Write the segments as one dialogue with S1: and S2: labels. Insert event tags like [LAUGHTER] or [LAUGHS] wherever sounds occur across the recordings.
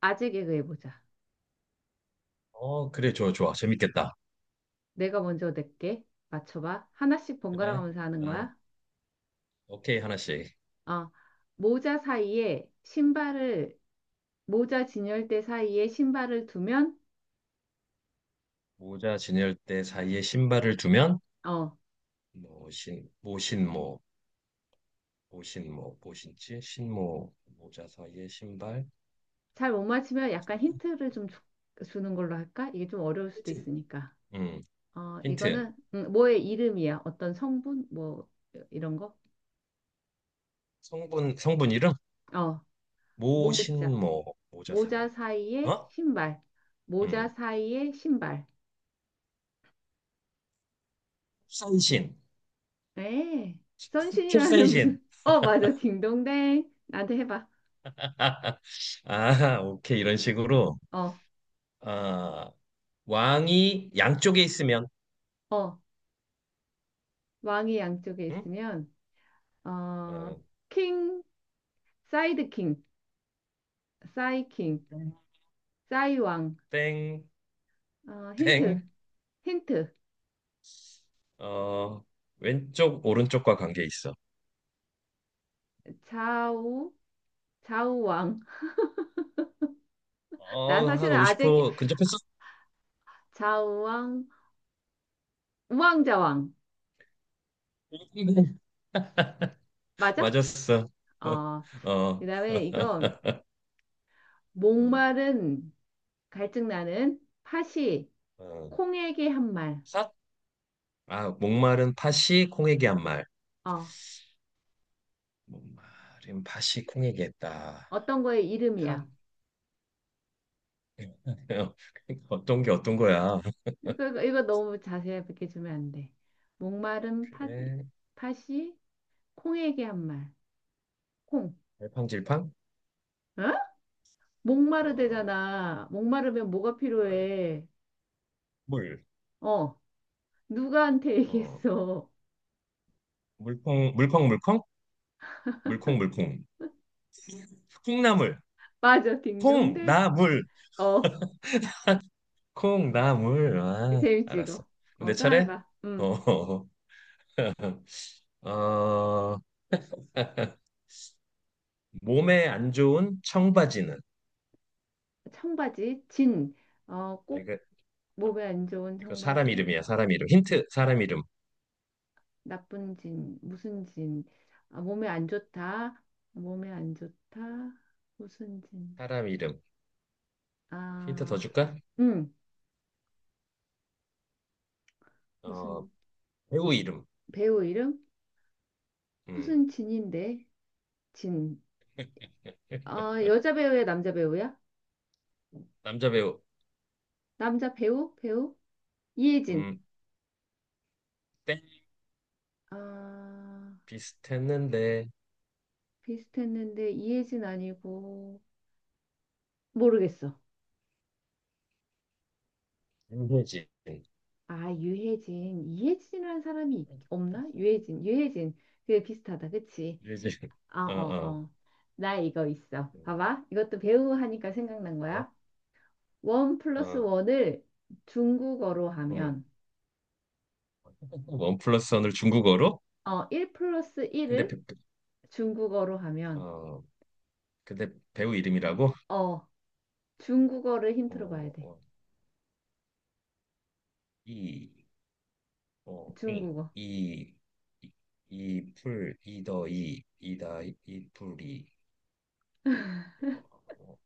S1: 아재 개그 해보자.
S2: 그래, 좋아, 좋아. 재밌겠다.
S1: 내가 먼저 낼게. 맞춰봐. 하나씩 번갈아
S2: 그래.
S1: 가면서 하는
S2: 아,
S1: 거야.
S2: 오케이, 하나씩.
S1: 어, 모자 사이에 신발을, 모자 진열대 사이에 신발을 두면,
S2: 모자 진열대 사이에 신발을 두면,
S1: 어,
S2: 뭐, 신, 모신모, 모신모, 모신치, 신모, 모자 사이에 신발.
S1: 잘 못 맞추면 약간 힌트를 좀 주는 걸로 할까? 이게 좀 어려울 수도
S2: 힌트.
S1: 있으니까.
S2: 음.
S1: 어,
S2: 힌트.
S1: 이거는, 뭐의 이름이야? 어떤 성분? 뭐, 이런 거?
S2: 성분, 성분 이름?
S1: 어, 모자.
S2: 모신모, 모자
S1: 모자
S2: 사이.
S1: 사이에
S2: 어?
S1: 신발. 모자
S2: 음,
S1: 사이에 신발.
S2: 캡사이신.
S1: 에, 선신이라는
S2: 캡사이신.
S1: 무슨, 어, 맞아. 딩동댕. 나한테 해봐.
S2: [LAUGHS] 아, 오케이. 이런 식으로.
S1: 어,
S2: 아, 왕이 양쪽에 있으면,
S1: 어. 왕이 양쪽에
S2: 응?
S1: 있으면, 어,
S2: 어,
S1: 킹, 사이드 킹, 사이 킹, 사이 왕.
S2: 땡,
S1: 어, 힌트,
S2: 땡.
S1: 힌트.
S2: 어, 왼쪽, 오른쪽과 관계 있어.
S1: 좌우, 좌우 왕. [LAUGHS] 나
S2: 한
S1: 사실은
S2: 50% 근접했었어.
S1: 좌우 왕, 우왕좌 왕.
S2: [LAUGHS]
S1: 맞아?
S2: 맞았어. [LAUGHS]
S1: 어, 그
S2: 어.
S1: 다음에 이건,
S2: [LAUGHS] 어,
S1: 목마른, 갈증나는, 팥이,
S2: 어.
S1: 콩에게 한 말.
S2: 삿? 아, 목마른 팥이 콩에게 한 말.
S1: 어,
S2: 목마른 팥이 콩에게 했다.
S1: 어떤 거의
S2: 팥.
S1: 이름이야.
S2: [LAUGHS] 어떤 게 어떤 거야?
S1: 이거 너무 자세하게 주면 안 돼. 목마른 팥,
S2: 그래.
S1: 팥이 콩에게 한 말. 콩.
S2: 갈팡질팡?
S1: 어?
S2: 어,
S1: 목마르대잖아. 목마르면 뭐가
S2: 목마르다.
S1: 필요해?
S2: 물.
S1: 어. 누구한테
S2: 어,
S1: 얘기했어?
S2: 물콩, 물컹물컹? 물콩물콩. 콩나물.
S1: [LAUGHS] 맞아, 딩동대.
S2: 콩나물.
S1: 어.
S2: 콩나물. 아,
S1: 재밌지,
S2: 알았어.
S1: 이거. 어,
S2: 내
S1: 또
S2: 차례?
S1: 해봐. 음.
S2: 어. [LAUGHS] 어, 몸에 안 좋은 청바지는?
S1: 청바지, 진. 어,
S2: 아,
S1: 꼭
S2: 이거,
S1: 몸에 안 좋은
S2: 이거 사람
S1: 청바지.
S2: 이름이야, 사람 이름. 힌트, 사람 이름.
S1: 나쁜 진. 무슨 진. 아, 몸에 안 좋다. 몸에 안 좋다. 무슨 진.
S2: 사람 이름. 힌트 더
S1: 아,
S2: 줄까?
S1: 응.
S2: 어,
S1: 무슨
S2: 배우 이름.
S1: 배우 이름?
S2: 음,
S1: 무슨 진인데? 진. 아, 여자 배우야, 남자 배우야?
S2: 남자 배우.
S1: 남자 배우? 배우? 이혜진.
S2: 음, 땡.
S1: 아,
S2: 비슷했는데,
S1: 비슷했는데 이혜진 아니고 모르겠어.
S2: 윤혜진.
S1: 아, 유혜진. 이혜진이라는 사람이 있- 없나? 유혜진. 유혜진. 그게 비슷하다. 그치?
S2: 윤혜진.
S1: 아,
S2: 어,
S1: 어,
S2: 어.
S1: 어. 나 이거 있어.
S2: 음.
S1: 봐봐. 이것도 배우 하니까 생각난
S2: 어,
S1: 거야. 원 플러스
S2: 어.
S1: 원을 중국어로
S2: 음.
S1: 하면
S2: 원 플러스 원을 중국어로?
S1: 1 플러스
S2: 근데,
S1: 1을 중국어로 하면,
S2: 어, 근데 배우 이름이라고?
S1: 어, 중국어를 힌트로 봐야
S2: 어,
S1: 돼.
S2: 어, 이, 어, 이,
S1: 중국어.
S2: 이, 이, 이 풀, 이더 이, 이다 이 풀이, 어,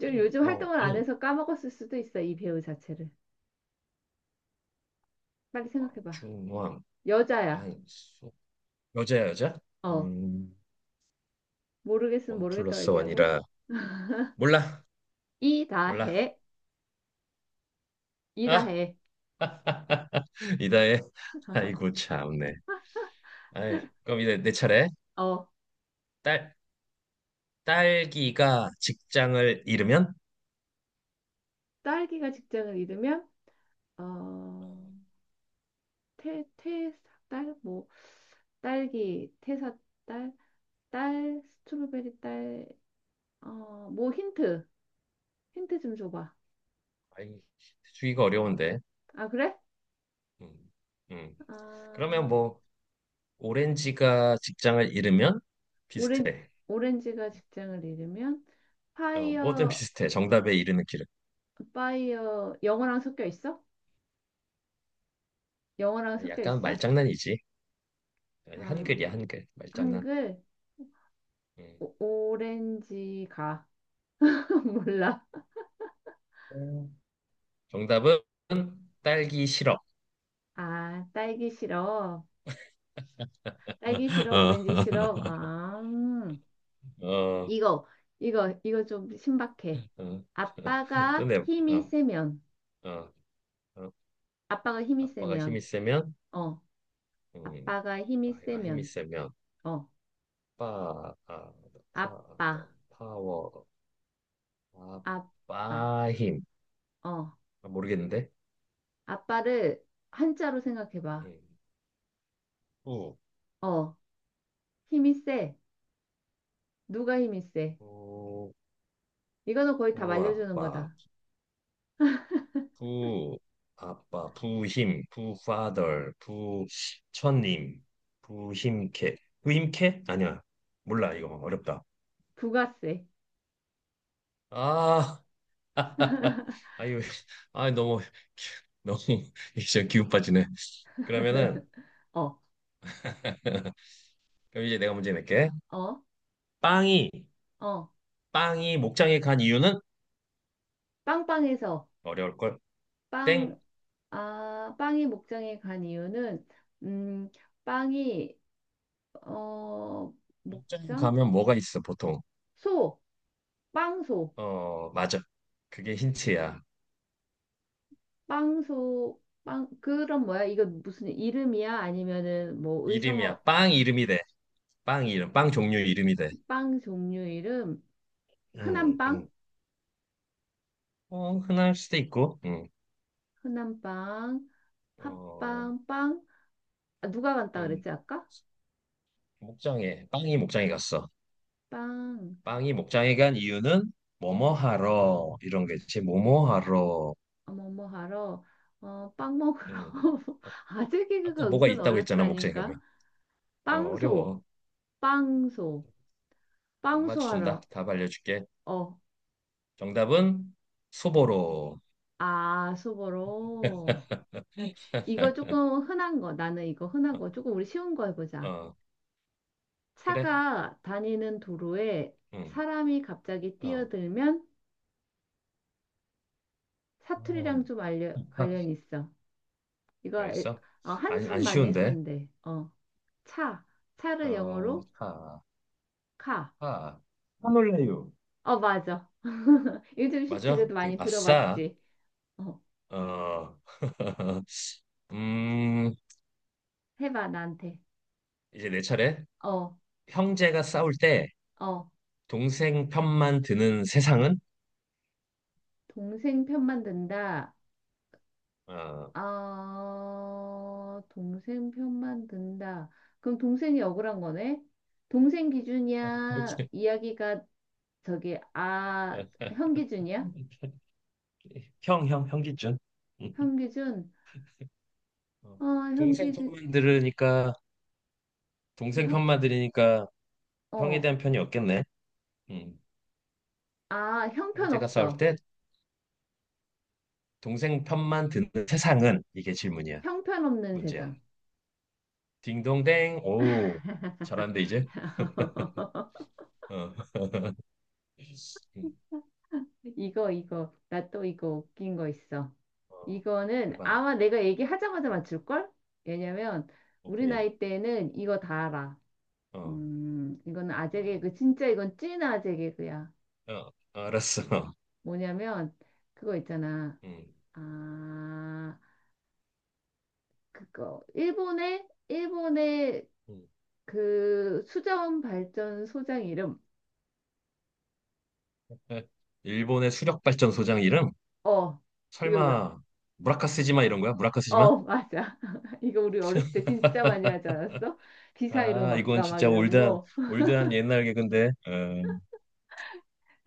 S1: 좀
S2: 잉,
S1: 요즘
S2: 왕,
S1: 활동을 안
S2: 잉,
S1: 해서 까먹었을 수도 있어, 이 배우 자체를. 빨리
S2: 왕,
S1: 생각해봐.
S2: 중, 왕,
S1: 여자야.
S2: 안, 수. 여자야, 여자?
S1: 어,
S2: 음,
S1: 모르겠으면
S2: 원
S1: 모르겠다고
S2: 플러스
S1: 얘기하고.
S2: 원이라. 몰라, 몰라.
S1: 이다해.
S2: 아,
S1: 이다해.
S2: [LAUGHS] 이다의, 아이고, 참네. 아이, 그럼 이제 내 차례.
S1: 어,
S2: 딸, 딸기가 직장을 잃으면?
S1: 딸기가 직장을 잃으면,
S2: 어,
S1: 어, 태, 태, 딸, 뭐, 딸기, 태사, 딸, 스트로베리 딸, 어, 뭐 힌트. 힌트 좀 줘봐.
S2: 아이, 주기가 어려운데.
S1: 아, 그래?
S2: 음, 음. 그러면
S1: 아,
S2: 뭐 오렌지가 직장을 잃으면
S1: 오렌,
S2: 비슷해.
S1: 오렌지가 직장을 잃으면
S2: 뭐든
S1: 파이어,
S2: 비슷해. 정답에 이르는 길은.
S1: 파이어, 영어랑 섞여 있어? 영어랑 섞여
S2: 약간
S1: 있어?
S2: 말장난이지.
S1: 아,
S2: 한글이야, 한글. 말장난.
S1: 한글,
S2: 음.
S1: 오, 오렌지가. [LAUGHS] 몰라.
S2: 음. 정답은 딸기 시럽.
S1: 아, 딸기 시럽. 딸기 시럽, 오렌지
S2: [LAUGHS]
S1: 시럽. 아,
S2: 어, 어,
S1: 이거, 이거 좀 신박해.
S2: 어. [LAUGHS] 또
S1: 아빠가
S2: 내,
S1: 힘이
S2: 어,
S1: 세면,
S2: 어, 어.
S1: 아빠가 힘이
S2: 아빠가 힘이
S1: 세면,
S2: 세면,
S1: 어,
S2: 음,
S1: 아빠가 힘이
S2: 아이가 힘이
S1: 세면,
S2: 세면,
S1: 어,
S2: 파, 아, 파,
S1: 아빠,
S2: 더, 파워,
S1: 아빠.
S2: 아빠 힘.
S1: 어,
S2: 아, 모르겠는데?
S1: 아빠를 한자로 생각해봐.
S2: 음. 부,
S1: 어, 힘이 세. 누가 힘이 세?
S2: 부,
S1: 이거는 거의 다 말려주는
S2: 부아빠,
S1: 거다.
S2: 부, 아빠, 부힘, 부파덜, 부처님, 부힘캐. 부힘캐? 아니야. 몰라, 이거 어렵다.
S1: 부가 세.
S2: 아, [LAUGHS]
S1: [LAUGHS]
S2: 아유, 아 너무, 너무. [LAUGHS] 이제 기운 빠지네. 그러면은,
S1: 어,
S2: [LAUGHS] 그럼 이제 내가 문제 낼게.
S1: 어,
S2: 빵이,
S1: 어.
S2: 빵이 목장에 간 이유는?
S1: 빵빵해서
S2: 어려울걸?
S1: 빵,
S2: 땡.
S1: 아, 빵이 목장에 간 이유는 음, 빵이 어,
S2: 목장에
S1: 목장?
S2: 가면 뭐가 있어, 보통?
S1: 소, 빵소,
S2: 어, 맞아. 그게 힌트야.
S1: 빵소, 빵 그럼 뭐야? 이거 무슨 이름이야? 아니면은 뭐
S2: 이름이야.
S1: 의성어
S2: 빵 이름이 돼. 빵 이름, 빵 종류 이름이 돼.
S1: 빵 종류 이름?
S2: 음,
S1: 흔한 빵?
S2: 음. 흔할 수도 있고,
S1: 흔한빵,
S2: 어,
S1: 팥빵, 빵. 아, 누가 간다
S2: 음.
S1: 그랬지 아까?
S2: 목장에, 빵이 목장에 갔어.
S1: 빵.
S2: 빵이 목장에 간 이유는 뭐뭐 하러, 이런 거지 뭐뭐 하러.
S1: 어, 뭐뭐 하러? 어, 빵 먹으러.
S2: 음.
S1: [LAUGHS]
S2: 아,
S1: 아재
S2: 아까
S1: 개그가
S2: 뭐가
S1: 은근
S2: 있다고 했잖아, 목장에
S1: 어렵다니까.
S2: 가면.
S1: 빵소,
S2: 어려워.
S1: 빵소,
S2: 못
S1: 빵소
S2: 맞춘다.
S1: 하러.
S2: 답 알려줄게.
S1: 어,
S2: 정답은 소보로.
S1: 아, 소 보러. 이거
S2: [LAUGHS]
S1: 조금 흔한 거. 나는 이거 흔한
S2: 어,
S1: 거. 조금 우리 쉬운 거 해보자.
S2: 어, 그래.
S1: 차가 다니는 도로에
S2: 음,
S1: 사람이 갑자기
S2: 어.
S1: 뛰어들면
S2: 어.
S1: 사투리랑 좀 알려,
S2: [LAUGHS]
S1: 관련이 있어. 이거 에-
S2: 잘했어.
S1: 어,
S2: 안
S1: 한참 많이
S2: 쉬운데.
S1: 했었는데. 어, 차. 차를 영어로
S2: 하,
S1: 카.
S2: 하, 하놀래요.
S1: 어, 맞아. [LAUGHS] 요즘 쉽지
S2: 맞아?
S1: 그래도 많이
S2: 아싸.
S1: 들어봤지. 어,
S2: 어. [LAUGHS] 음,
S1: 해봐 나한테.
S2: 이제 내 차례.
S1: 어,
S2: 형제가 싸울 때
S1: 어.
S2: 동생 편만 드는 세상은?
S1: 동생 편만 든다.
S2: 어,
S1: 어, 동생 편만 든다. 그럼 동생이 억울한 거네? 동생
S2: 그렇
S1: 기준이야?
S2: 지
S1: 이야기가 저기 아 형 기준이야?
S2: [LAUGHS] 형, 형, 형기준.
S1: 형 기준?
S2: 어,
S1: 어, 형
S2: 동생
S1: 기준
S2: 편만 들으니까, 동생
S1: 형,
S2: 편만 들으니까 형에
S1: 어,
S2: 대한 편이 없겠네. 음,
S1: 아
S2: 형제가 싸울
S1: 형편없어.
S2: 때 동생 편만 드는 세상은? 이게 질문이야.
S1: 형편없는
S2: 문제야.
S1: 세상.
S2: 딩동댕. 오, 잘한데, 이제?
S1: [LAUGHS]
S2: 어. [LAUGHS] 음,
S1: 이거, 이거. 나 또 이거 웃긴 거 있어.
S2: 어.
S1: 이거는
S2: 해반.
S1: 아마 내가 얘기하자마자 맞출걸? 왜냐면 우리
S2: 오케이.
S1: 나이 때는 이거 다 알아.
S2: 어.
S1: 이건
S2: 어.
S1: 아재 개그. 진짜 이건 찐 아재 개그야.
S2: 알았어.
S1: 뭐냐면 그거 있잖아.
S2: 음.
S1: 아, 그거. 일본의
S2: 음.
S1: 그 수자원 발전소장 이름.
S2: 에, 일본의 수력 발전소장 이름?
S1: 어, 이거 우리
S2: 설마 무라카스지마 이런 거야? 무라카스지마?
S1: 어, 맞아. [LAUGHS] 이거 우리 어렸을 때 진짜 많이 하지 않았어? 귀 사이로
S2: 아, 이건
S1: 막가 막
S2: 진짜
S1: 이런
S2: 올드한
S1: 거. [LAUGHS]
S2: 올드한 옛날 개근데.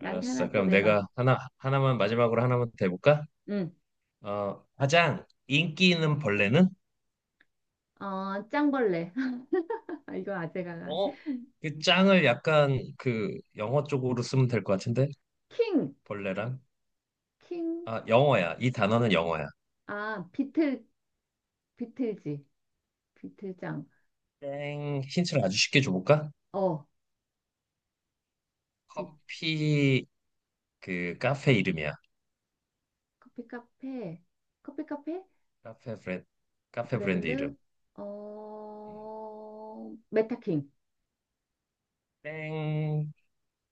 S1: 나한테 하나 또
S2: 그럼
S1: 내봐.
S2: 내가 하나 하나만 마지막으로 하나만 더 해볼까?
S1: 응.
S2: 가장 인기 있는 벌레는?
S1: 어, 짱벌레. [LAUGHS] 아, 이건 아재가 나.
S2: 어? 그 짱을 약간 그 영어 쪽으로 쓰면 될 것 같은데?
S1: 킹.
S2: 벌레랑?
S1: 킹.
S2: 아, 영어야. 이 단어는 영어야.
S1: 아, 비틀, 비틀지. 비틀장.
S2: 땡. 힌트를 아주 쉽게 줘볼까?
S1: 어, 비,
S2: 커피 그 카페 이름이야.
S1: 커피 카페. 커피 카페?
S2: 카페 브랜드 카페 브랜드 이름.
S1: 브랜드? 어, 메타킹.
S2: 땡.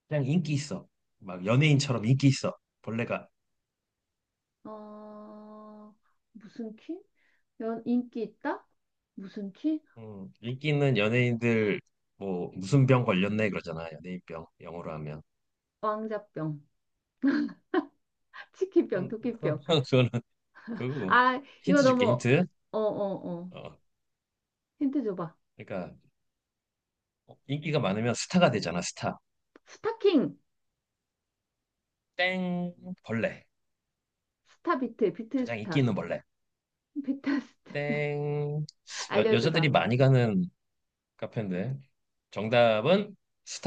S2: 그냥 인기 있어. 막 연예인처럼 인기 있어. 벌레가.
S1: 어, 무슨 킹? 연, 인기 있다? 무슨 킹?
S2: 인기 있는 연예인들 뭐 무슨 병 걸렸네 그러잖아. 연예인병 영어로 하면.
S1: 왕자병. [LAUGHS] 치킨병,
S2: 그건 그건
S1: 도끼병.
S2: [LAUGHS] 그거는 그거고.
S1: 아, 이거
S2: 힌트
S1: 너무,
S2: 줄게 힌트.
S1: 어, 어, 어.
S2: 어
S1: 힌트 줘봐.
S2: 그러니까 인기가 많으면 스타가 되잖아 스타.
S1: 스타킹,
S2: 땡. 벌레
S1: 스타 비트, 비트
S2: 가장 인기
S1: 스타,
S2: 있는 벌레.
S1: 비트 스타. [LAUGHS]
S2: 땡. 여자들이
S1: 알려주다.
S2: 많이 가는 카페인데. 정답은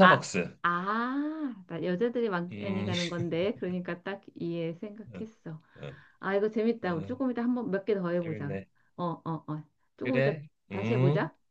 S1: 아, 아, 나 여자들이 많이
S2: 음,
S1: 가는 건데. 그러니까 딱 이해
S2: [LAUGHS] 어,
S1: 생각했어.
S2: 어,
S1: 아, 이거 재밌다. 우리
S2: 어,
S1: 조금 이따 한번 몇 개 더 해보자.
S2: 재밌네.
S1: 어, 어, 어. 조금 이따
S2: 그래.
S1: 다시
S2: 음.
S1: 해보자.